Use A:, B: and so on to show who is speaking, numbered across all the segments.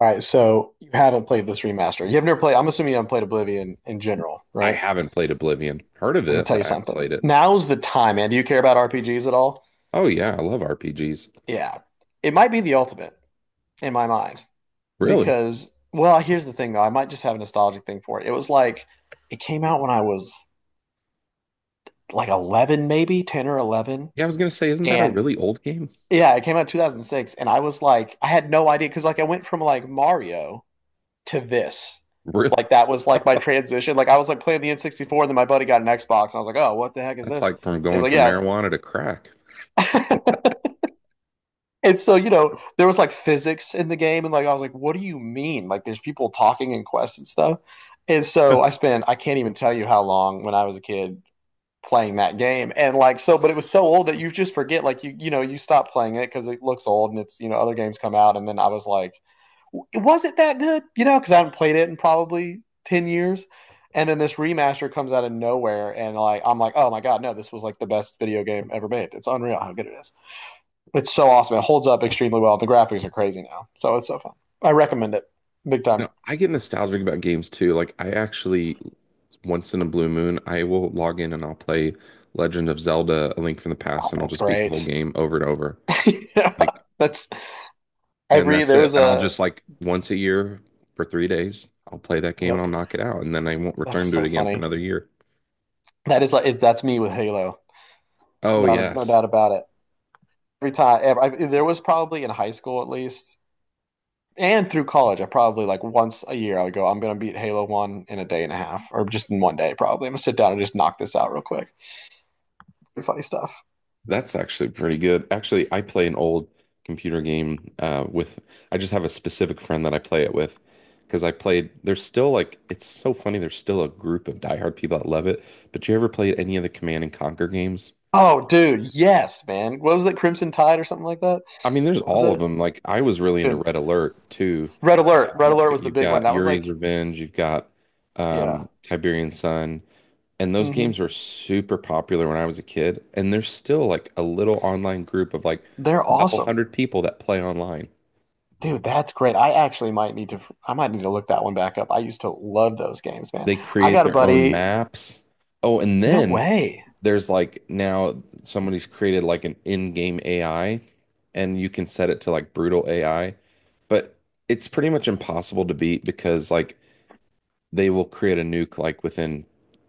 A: All right, so you haven't played this remaster. You have never played, I'm assuming you haven't played Oblivion in general,
B: I
A: right?
B: haven't played Oblivion. Heard of
A: Let me
B: it,
A: tell you
B: but I haven't
A: something.
B: played it.
A: Now's the time, man. Do you care about RPGs at all?
B: Oh yeah, I love RPGs.
A: Yeah. It might be the ultimate in my mind
B: Really?
A: because, well, here's the thing though. I might just have a nostalgic thing for it. It was like, it came out when I was like 11, maybe 10 or 11.
B: Yeah, I was gonna say, isn't that a
A: And
B: really old game?
A: yeah, it came out in 2006. And I was like, I had no idea because, like, I went from like Mario to this.
B: Really?
A: Like that was like my transition. Like I was like playing the N64, and then my buddy got an Xbox, and I was like, "Oh, what the heck is
B: That's
A: this?"
B: like from
A: And he's
B: going
A: like,
B: from
A: "Yeah."
B: marijuana to crack.
A: And so you know, there was like physics in the game, and like I was like, "What do you mean?" Like there's people talking in Quest and stuff. And so I can't even tell you how long when I was a kid playing that game, and like so, but it was so old that you just forget. Like you know you stop playing it because it looks old, and it's you know other games come out, and then I was like was it that good? You know, because I haven't played it in probably 10 years. And then this remaster comes out of nowhere, and like I'm like, oh my God, no, this was like the best video game ever made. It's unreal how good it is. It's so awesome. It holds up extremely well. The graphics are crazy now, so it's so fun. I recommend it big
B: No,
A: time.
B: I get nostalgic about games too. Like I actually once in a blue moon, I will log in and I'll play Legend of Zelda: A Link from the Past, and I'll
A: That's
B: just beat the whole
A: great.
B: game over and over.
A: Yeah,
B: Like,
A: that's
B: and
A: every
B: that's
A: there
B: it.
A: was
B: And I'll
A: a
B: just like once a year for 3 days, I'll play that game and
A: yep.
B: I'll knock it out, and then I won't
A: That's
B: return to it
A: so
B: again for
A: funny.
B: another year.
A: That is like that's me with Halo.
B: Oh
A: Not a, No
B: yes.
A: doubt about it. Every time ever, there was probably in high school at least and through college, I probably like once a year I would go, I'm gonna beat Halo One in a day and a half, or just in one day probably. I'm gonna sit down and just knock this out real quick. Pretty funny stuff.
B: That's actually pretty good. Actually, I play an old computer game with, I just have a specific friend that I play it with because I played, there's still like, it's so funny. There's still a group of diehard people that love it. But you ever played any of the Command and Conquer games?
A: Oh, dude, yes, man. What was it, Crimson Tide or something like that?
B: I mean, there's
A: What was
B: all of
A: it?
B: them. Like, I was really into
A: Dude,
B: Red Alert too.
A: Red Alert. Red Alert
B: But
A: was the
B: you've
A: big one.
B: got
A: That was
B: Yuri's
A: like,
B: Revenge, you've got
A: yeah.
B: Tiberian Sun. And those
A: hmm
B: games were super popular when I was a kid. And there's still like a little online group of like
A: They're
B: a couple
A: awesome,
B: hundred people that play online.
A: dude. That's great. I actually might need to. I might need to look that one back up. I used to love those games, man.
B: They
A: I
B: create
A: got a
B: their own
A: buddy.
B: maps. Oh, and
A: No
B: then
A: way.
B: there's like now somebody's created like an in-game AI and you can set it to like brutal AI. But it's pretty much impossible to beat because like they will create a nuke like within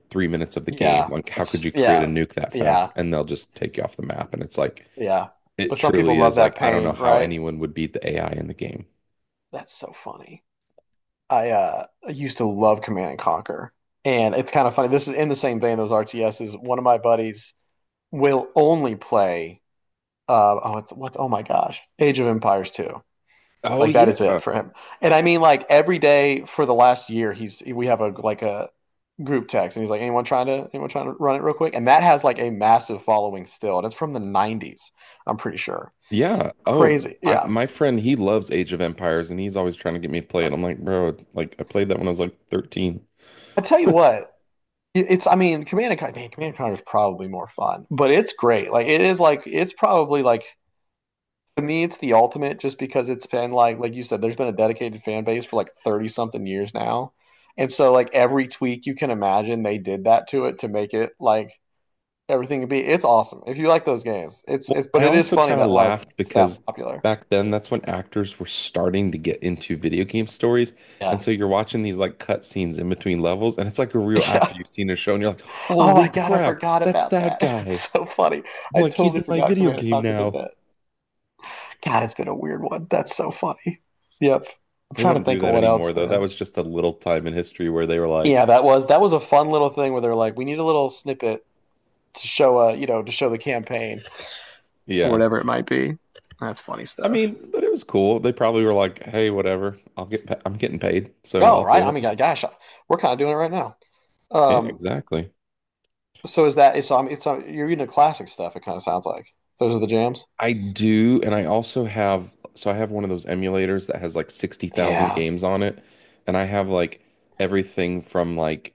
B: 3 minutes of the game.
A: Yeah,
B: Like, how could
A: that's
B: you create a
A: yeah,
B: nuke that fast?
A: yeah.
B: And they'll just take you off the map. And it's like,
A: Yeah.
B: it
A: But some people
B: truly
A: love
B: is like,
A: that
B: I don't know
A: pain,
B: how
A: right?
B: anyone would beat the AI in the game.
A: That's so funny. I used to love Command and Conquer. And it's kind of funny. This is in the same vein, those RTSs. One of my buddies will only play oh it's what's oh my gosh. Age of Empires 2.
B: Oh,
A: Like that
B: yeah.
A: is it for him. And I mean like every day for the last year he's we have a group text, and he's like, anyone trying to run it real quick? And that has like a massive following still. And it's from the 90s, I'm pretty sure.
B: Yeah. Oh,
A: Crazy.
B: I,
A: Yeah.
B: my friend, he loves Age of Empires and he's always trying to get me to play
A: I
B: it. I'm like, bro, like I played that when I was like 13.
A: tell you what, It's, I mean, Command and Conquer, man, Command and Conquer is probably more fun, but it's great. Like, it is like, it's probably like, to me, it's the ultimate just because it's been like you said, there's been a dedicated fan base for like 30 something years now. And so, like, every tweak you can imagine, they did that to it to make it like everything could be. It's awesome. If you like those games,
B: Well,
A: it's,
B: I
A: but it is
B: also
A: funny
B: kind of
A: that like
B: laughed
A: it's that
B: because
A: popular.
B: back then that's when actors were starting to get into video game stories. And
A: Yeah.
B: so you're watching these like cut scenes in between levels and it's like a real actor
A: Yeah.
B: you've seen in a show and you're like,
A: Oh
B: holy
A: my God, I
B: crap,
A: forgot
B: that's
A: about
B: that
A: that.
B: guy.
A: That's so funny.
B: I'm
A: I
B: like, he's
A: totally
B: in my
A: forgot
B: video
A: Command and
B: game
A: Conquer did
B: now.
A: that. God, it's been a weird one. That's so funny. Yep. I'm
B: They
A: trying to
B: don't do
A: think of
B: that
A: what else,
B: anymore though. That
A: man.
B: was just a little time in history where they were
A: Yeah,
B: like,
A: that was a fun little thing where they're like, we need a little snippet to show you know, to show the campaign or
B: yeah,
A: whatever it might be. That's funny
B: I
A: stuff.
B: mean, but it was cool. They probably were like, "Hey, whatever. I'll get pa I'm getting paid, so
A: Oh,
B: I'll
A: right.
B: do
A: I
B: it."
A: mean, yeah, gosh, we're kind of doing it right now.
B: Yeah,
A: Um,
B: exactly.
A: so is that? So I'm. It's you're into classic stuff. It kind of sounds like those are the jams.
B: I do, and I also have so I have one of those emulators that has like 60,000
A: Yeah,
B: games on it, and I have like everything from like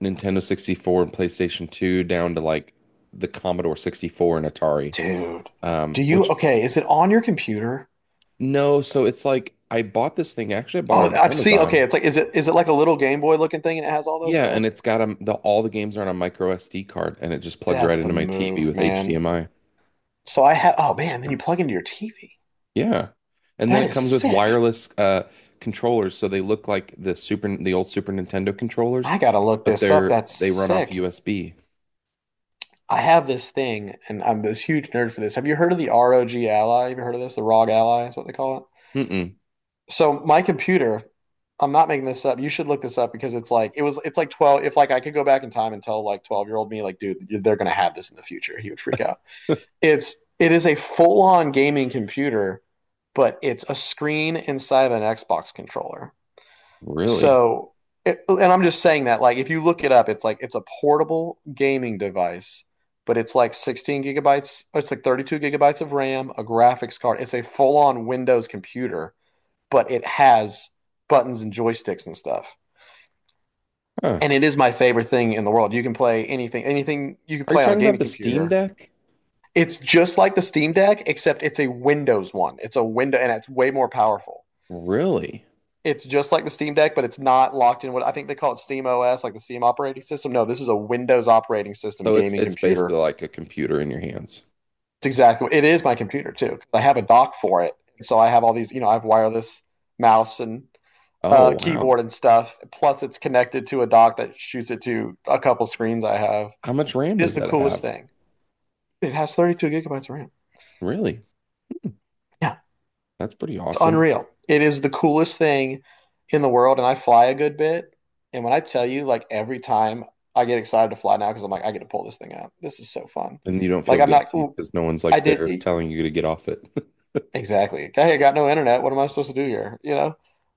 B: Nintendo 64 and PlayStation 2 down to like the Commodore 64 and Atari.
A: dude. Do you?
B: Which
A: Okay, is it on your computer?
B: no, so it's like I bought this thing actually I bought it
A: Oh,
B: on
A: I've seen. Okay,
B: Amazon.
A: it's like is it like a little Game Boy looking thing, and it has all those
B: Yeah,
A: stuff?
B: and it's got a, the all the games are on a micro SD card, and it just plugs
A: That's
B: right
A: the
B: into my TV
A: move,
B: with
A: man.
B: HDMI.
A: So I have, oh man, then you plug into your TV.
B: Yeah, and then
A: That
B: it
A: is
B: comes with
A: sick.
B: wireless controllers, so they look like the super the old Super Nintendo controllers,
A: I gotta look
B: but
A: this up.
B: they're
A: That's
B: they run off
A: sick.
B: USB.
A: I have this thing, and I'm this huge nerd for this. Have you heard of the ROG Ally? Have you heard of this? The ROG Ally is what they call it.
B: Mm-mm.
A: So my computer, I'm not making this up. You should look this up because it's like it was. It's like 12. If like I could go back in time and tell like 12-year-old me, like, dude, they're gonna have this in the future. He would freak out. It is a full on gaming computer, but it's a screen inside of an Xbox controller.
B: Really?
A: So, it, and I'm just saying that, like, if you look it up, it's like it's a portable gaming device, but it's like 16 gigabytes, or it's like 32 gigabytes of RAM, a graphics card. It's a full-on Windows computer, but it has buttons and joysticks and stuff.
B: Huh.
A: And it is my favorite thing in the world. You can play anything, anything you can
B: Are you
A: play on a
B: talking about
A: gaming
B: the Steam
A: computer.
B: Deck?
A: It's just like the Steam Deck, except it's a Windows one. It's a window, and it's way more powerful.
B: Really?
A: It's just like the Steam Deck, but it's not locked in what I think they call it Steam OS, like the Steam operating system. No, this is a Windows operating system
B: So it's
A: gaming
B: it's
A: computer.
B: basically like a computer in your hands.
A: It's exactly. It is my computer too. I have a dock for it, so I have all these. You know, I have wireless mouse and
B: Oh wow.
A: keyboard and stuff. Plus, it's connected to a dock that shoots it to a couple screens I have.
B: How much RAM
A: It is
B: does
A: the
B: that
A: coolest
B: have?
A: thing. It has 32 gigabytes of RAM.
B: Really? Hmm.
A: Yeah,
B: That's pretty awesome.
A: unreal. It is the coolest thing in the world, and I fly a good bit. And when I tell you, like every time I get excited to fly now because I'm like, I get to pull this thing out. This is so fun.
B: And you don't feel
A: Like I'm not.
B: guilty because no one's
A: I
B: like
A: did
B: there
A: e,
B: telling you to get off it.
A: exactly. Hey, I got no internet. What am I supposed to do here? You know.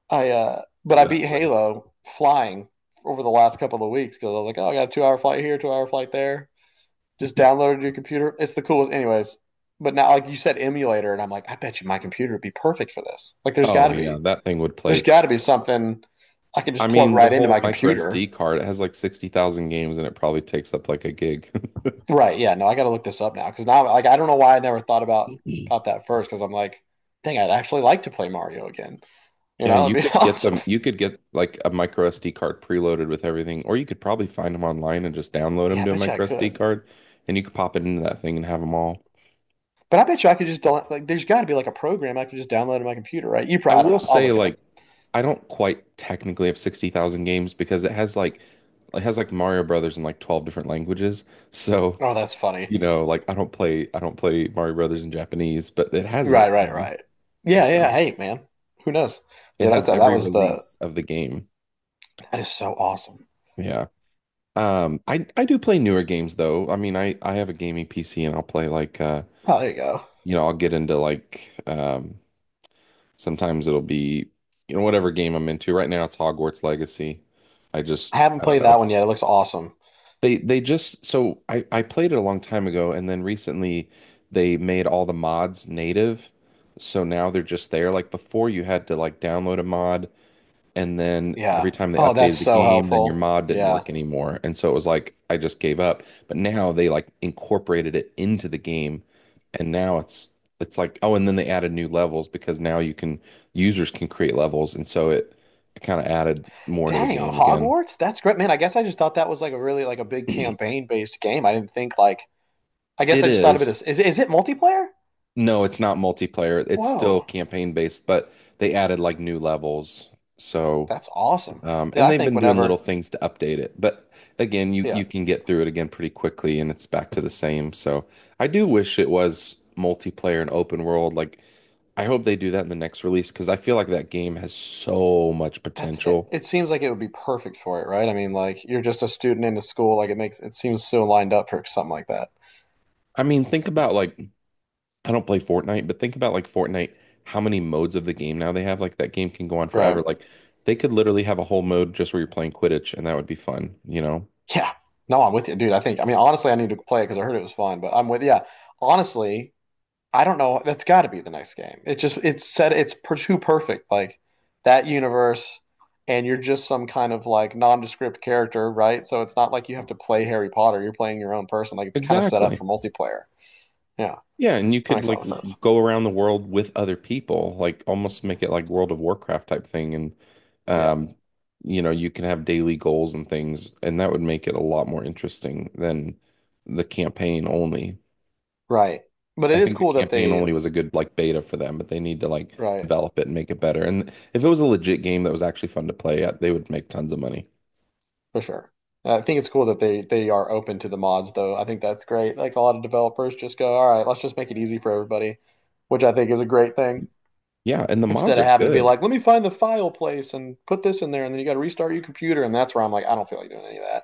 A: I but I beat
B: Exactly.
A: Halo flying over the last couple of weeks because I was like, oh, I got a 2 hour flight here, 2 hour flight there. Just downloaded your computer. It's the coolest, anyways. But now, like you said, emulator, and I'm like, I bet you my computer would be perfect for this. Like, there's got
B: Oh
A: to
B: yeah,
A: be.
B: that thing would
A: There's
B: play.
A: got to be something I can
B: I
A: just plug
B: mean, the
A: right into
B: whole
A: my
B: micro
A: computer.
B: SD card, it has like 60,000 games and it probably takes up like a gig.
A: Right. Yeah. No, I got to look this up now because now, like, I don't know why I never thought about about that first because I'm like, dang, I'd actually like to play Mario again. You
B: Yeah,
A: know, it'd
B: you
A: be
B: could get
A: awesome.
B: them, you could get like a micro SD card preloaded with everything, or you could probably find them online and just download them
A: Yeah, I
B: to a
A: bet you I
B: micro SD
A: could.
B: card and you could pop it into that thing and have them all.
A: But I bet you I could just don't like. There's got to be like a program I could just download on my computer, right? You
B: I
A: probably. I don't
B: will
A: know. I'll
B: say
A: look it up.
B: like I don't quite technically have 60,000 games because it has like Mario Brothers in like 12 different languages. So,
A: Oh, that's funny.
B: you know, like I don't play Mario Brothers in Japanese, but it has
A: Right.
B: it, you
A: Right.
B: know.
A: Right. Yeah. Yeah.
B: So,
A: Hey, man. Who knows?
B: it
A: Yeah.
B: has
A: That's that
B: every
A: was the.
B: release of the game.
A: That is so awesome.
B: Yeah. I do play newer games though. I mean, I have a gaming PC and I'll play like
A: Oh, there you go.
B: you know, I'll get into like sometimes it'll be you know whatever game I'm into. Right now it's Hogwarts Legacy. I
A: I
B: just
A: haven't
B: I don't
A: played
B: know.
A: that one yet. It looks awesome.
B: They just so I played it a long time ago and then recently they made all the mods native. So now they're just there. Like before you had to like download a mod and then every
A: Yeah.
B: time they
A: Oh,
B: updated
A: that's
B: the
A: so
B: game, then your
A: helpful.
B: mod didn't
A: Yeah.
B: work anymore. And so it was like I just gave up. But now they like incorporated it into the game and now it's like oh and then they added new levels because now you can users can create levels and so it kind of added more to the
A: Dang, on
B: game again.
A: Hogwarts? That's great. Man, I guess I just thought that was like a really like a big campaign-based game. I didn't think like I guess
B: It
A: I just thought of it
B: is.
A: as is it multiplayer?
B: No, it's not multiplayer. It's still
A: Whoa.
B: campaign based, but they added like new levels. So,
A: That's awesome. Did
B: and
A: I
B: they've
A: think
B: been doing little
A: whenever
B: things to update it. But again, you
A: Yeah,
B: you can get through it again pretty quickly, and it's back to the same. So, I do wish it was multiplayer and open world. Like, I hope they do that in the next release because I feel like that game has so much
A: that's it,
B: potential.
A: it seems like it would be perfect for it, right? I mean, like you're just a student in a school, like it makes it seems so lined up for something like that.
B: I mean, think about like I don't play Fortnite, but think about like Fortnite, how many modes of the game now they have. Like that game can go on forever.
A: Right.
B: Like they could literally have a whole mode just where you're playing Quidditch and that would be fun, you know?
A: Yeah. No, I'm with you, dude. I think I mean honestly I need to play it because I heard it was fun, but I'm with yeah. Honestly, I don't know. That's got to be the next game. It just it's set. It's too perfect. Like that universe, and you're just some kind of like nondescript character, right? So it's not like you have to play Harry Potter. You're playing your own person. Like it's kind of set up
B: Exactly.
A: for multiplayer. Yeah,
B: Yeah, and you
A: that
B: could
A: makes a
B: like
A: lot of sense.
B: go around the world with other people, like almost make it like World of Warcraft type thing and
A: Yeah,
B: um you know, you can have daily goals and things and that would make it a lot more interesting than the campaign only.
A: right. But
B: I
A: it is
B: think the
A: cool that
B: campaign
A: they
B: only was a good like beta for them, but they need to like
A: right
B: develop it and make it better. And if it was a legit game that was actually fun to play, they would make tons of money.
A: for sure. I think it's cool that they are open to the mods, though. I think that's great. Like a lot of developers just go, all right, let's just make it easy for everybody, which I think is a great thing.
B: Yeah, and the
A: Instead
B: mods
A: of
B: are
A: having to be
B: good.
A: like, let me find the file place and put this in there, and then you got to restart your computer, and that's where I'm like, I don't feel like doing any of that.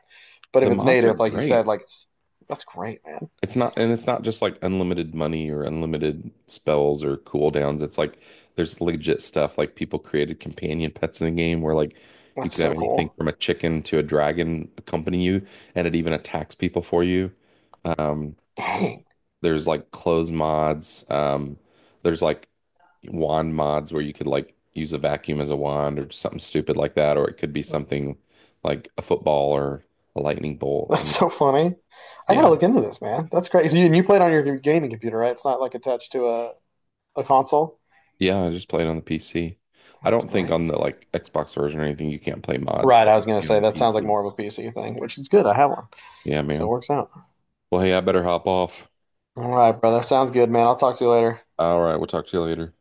A: But if
B: The
A: it's
B: mods are
A: native, like you
B: great.
A: said, like it's that's great, man.
B: It's not, and it's not just like unlimited money or unlimited spells or cooldowns. It's like there's legit stuff. Like people created companion pets in the game where like you
A: That's
B: could have
A: so
B: anything
A: cool.
B: from a chicken to a dragon accompany you, and it even attacks people for you. Um,
A: Dang,
B: there's like clothes mods. There's like wand mods where you could like use a vacuum as a wand or something stupid like that, or it could be something like a football or a lightning bolt. I
A: that's
B: mean,
A: so funny. I gotta
B: yeah,
A: look into this, man. That's great. And you played on your gaming computer, right? It's not like attached to a console.
B: Yeah, I just played on the PC. I
A: That's
B: don't think on
A: great.
B: the like Xbox version or anything you can't play mods,
A: Right,
B: but
A: I
B: you
A: was gonna
B: can on
A: say
B: the
A: that sounds like
B: PC.
A: more of a PC thing, which is good. I have one,
B: Yeah,
A: so it
B: man.
A: works out.
B: Well, hey, I better hop off.
A: All right, brother. Sounds good, man. I'll talk to you later.
B: All right, we'll talk to you later.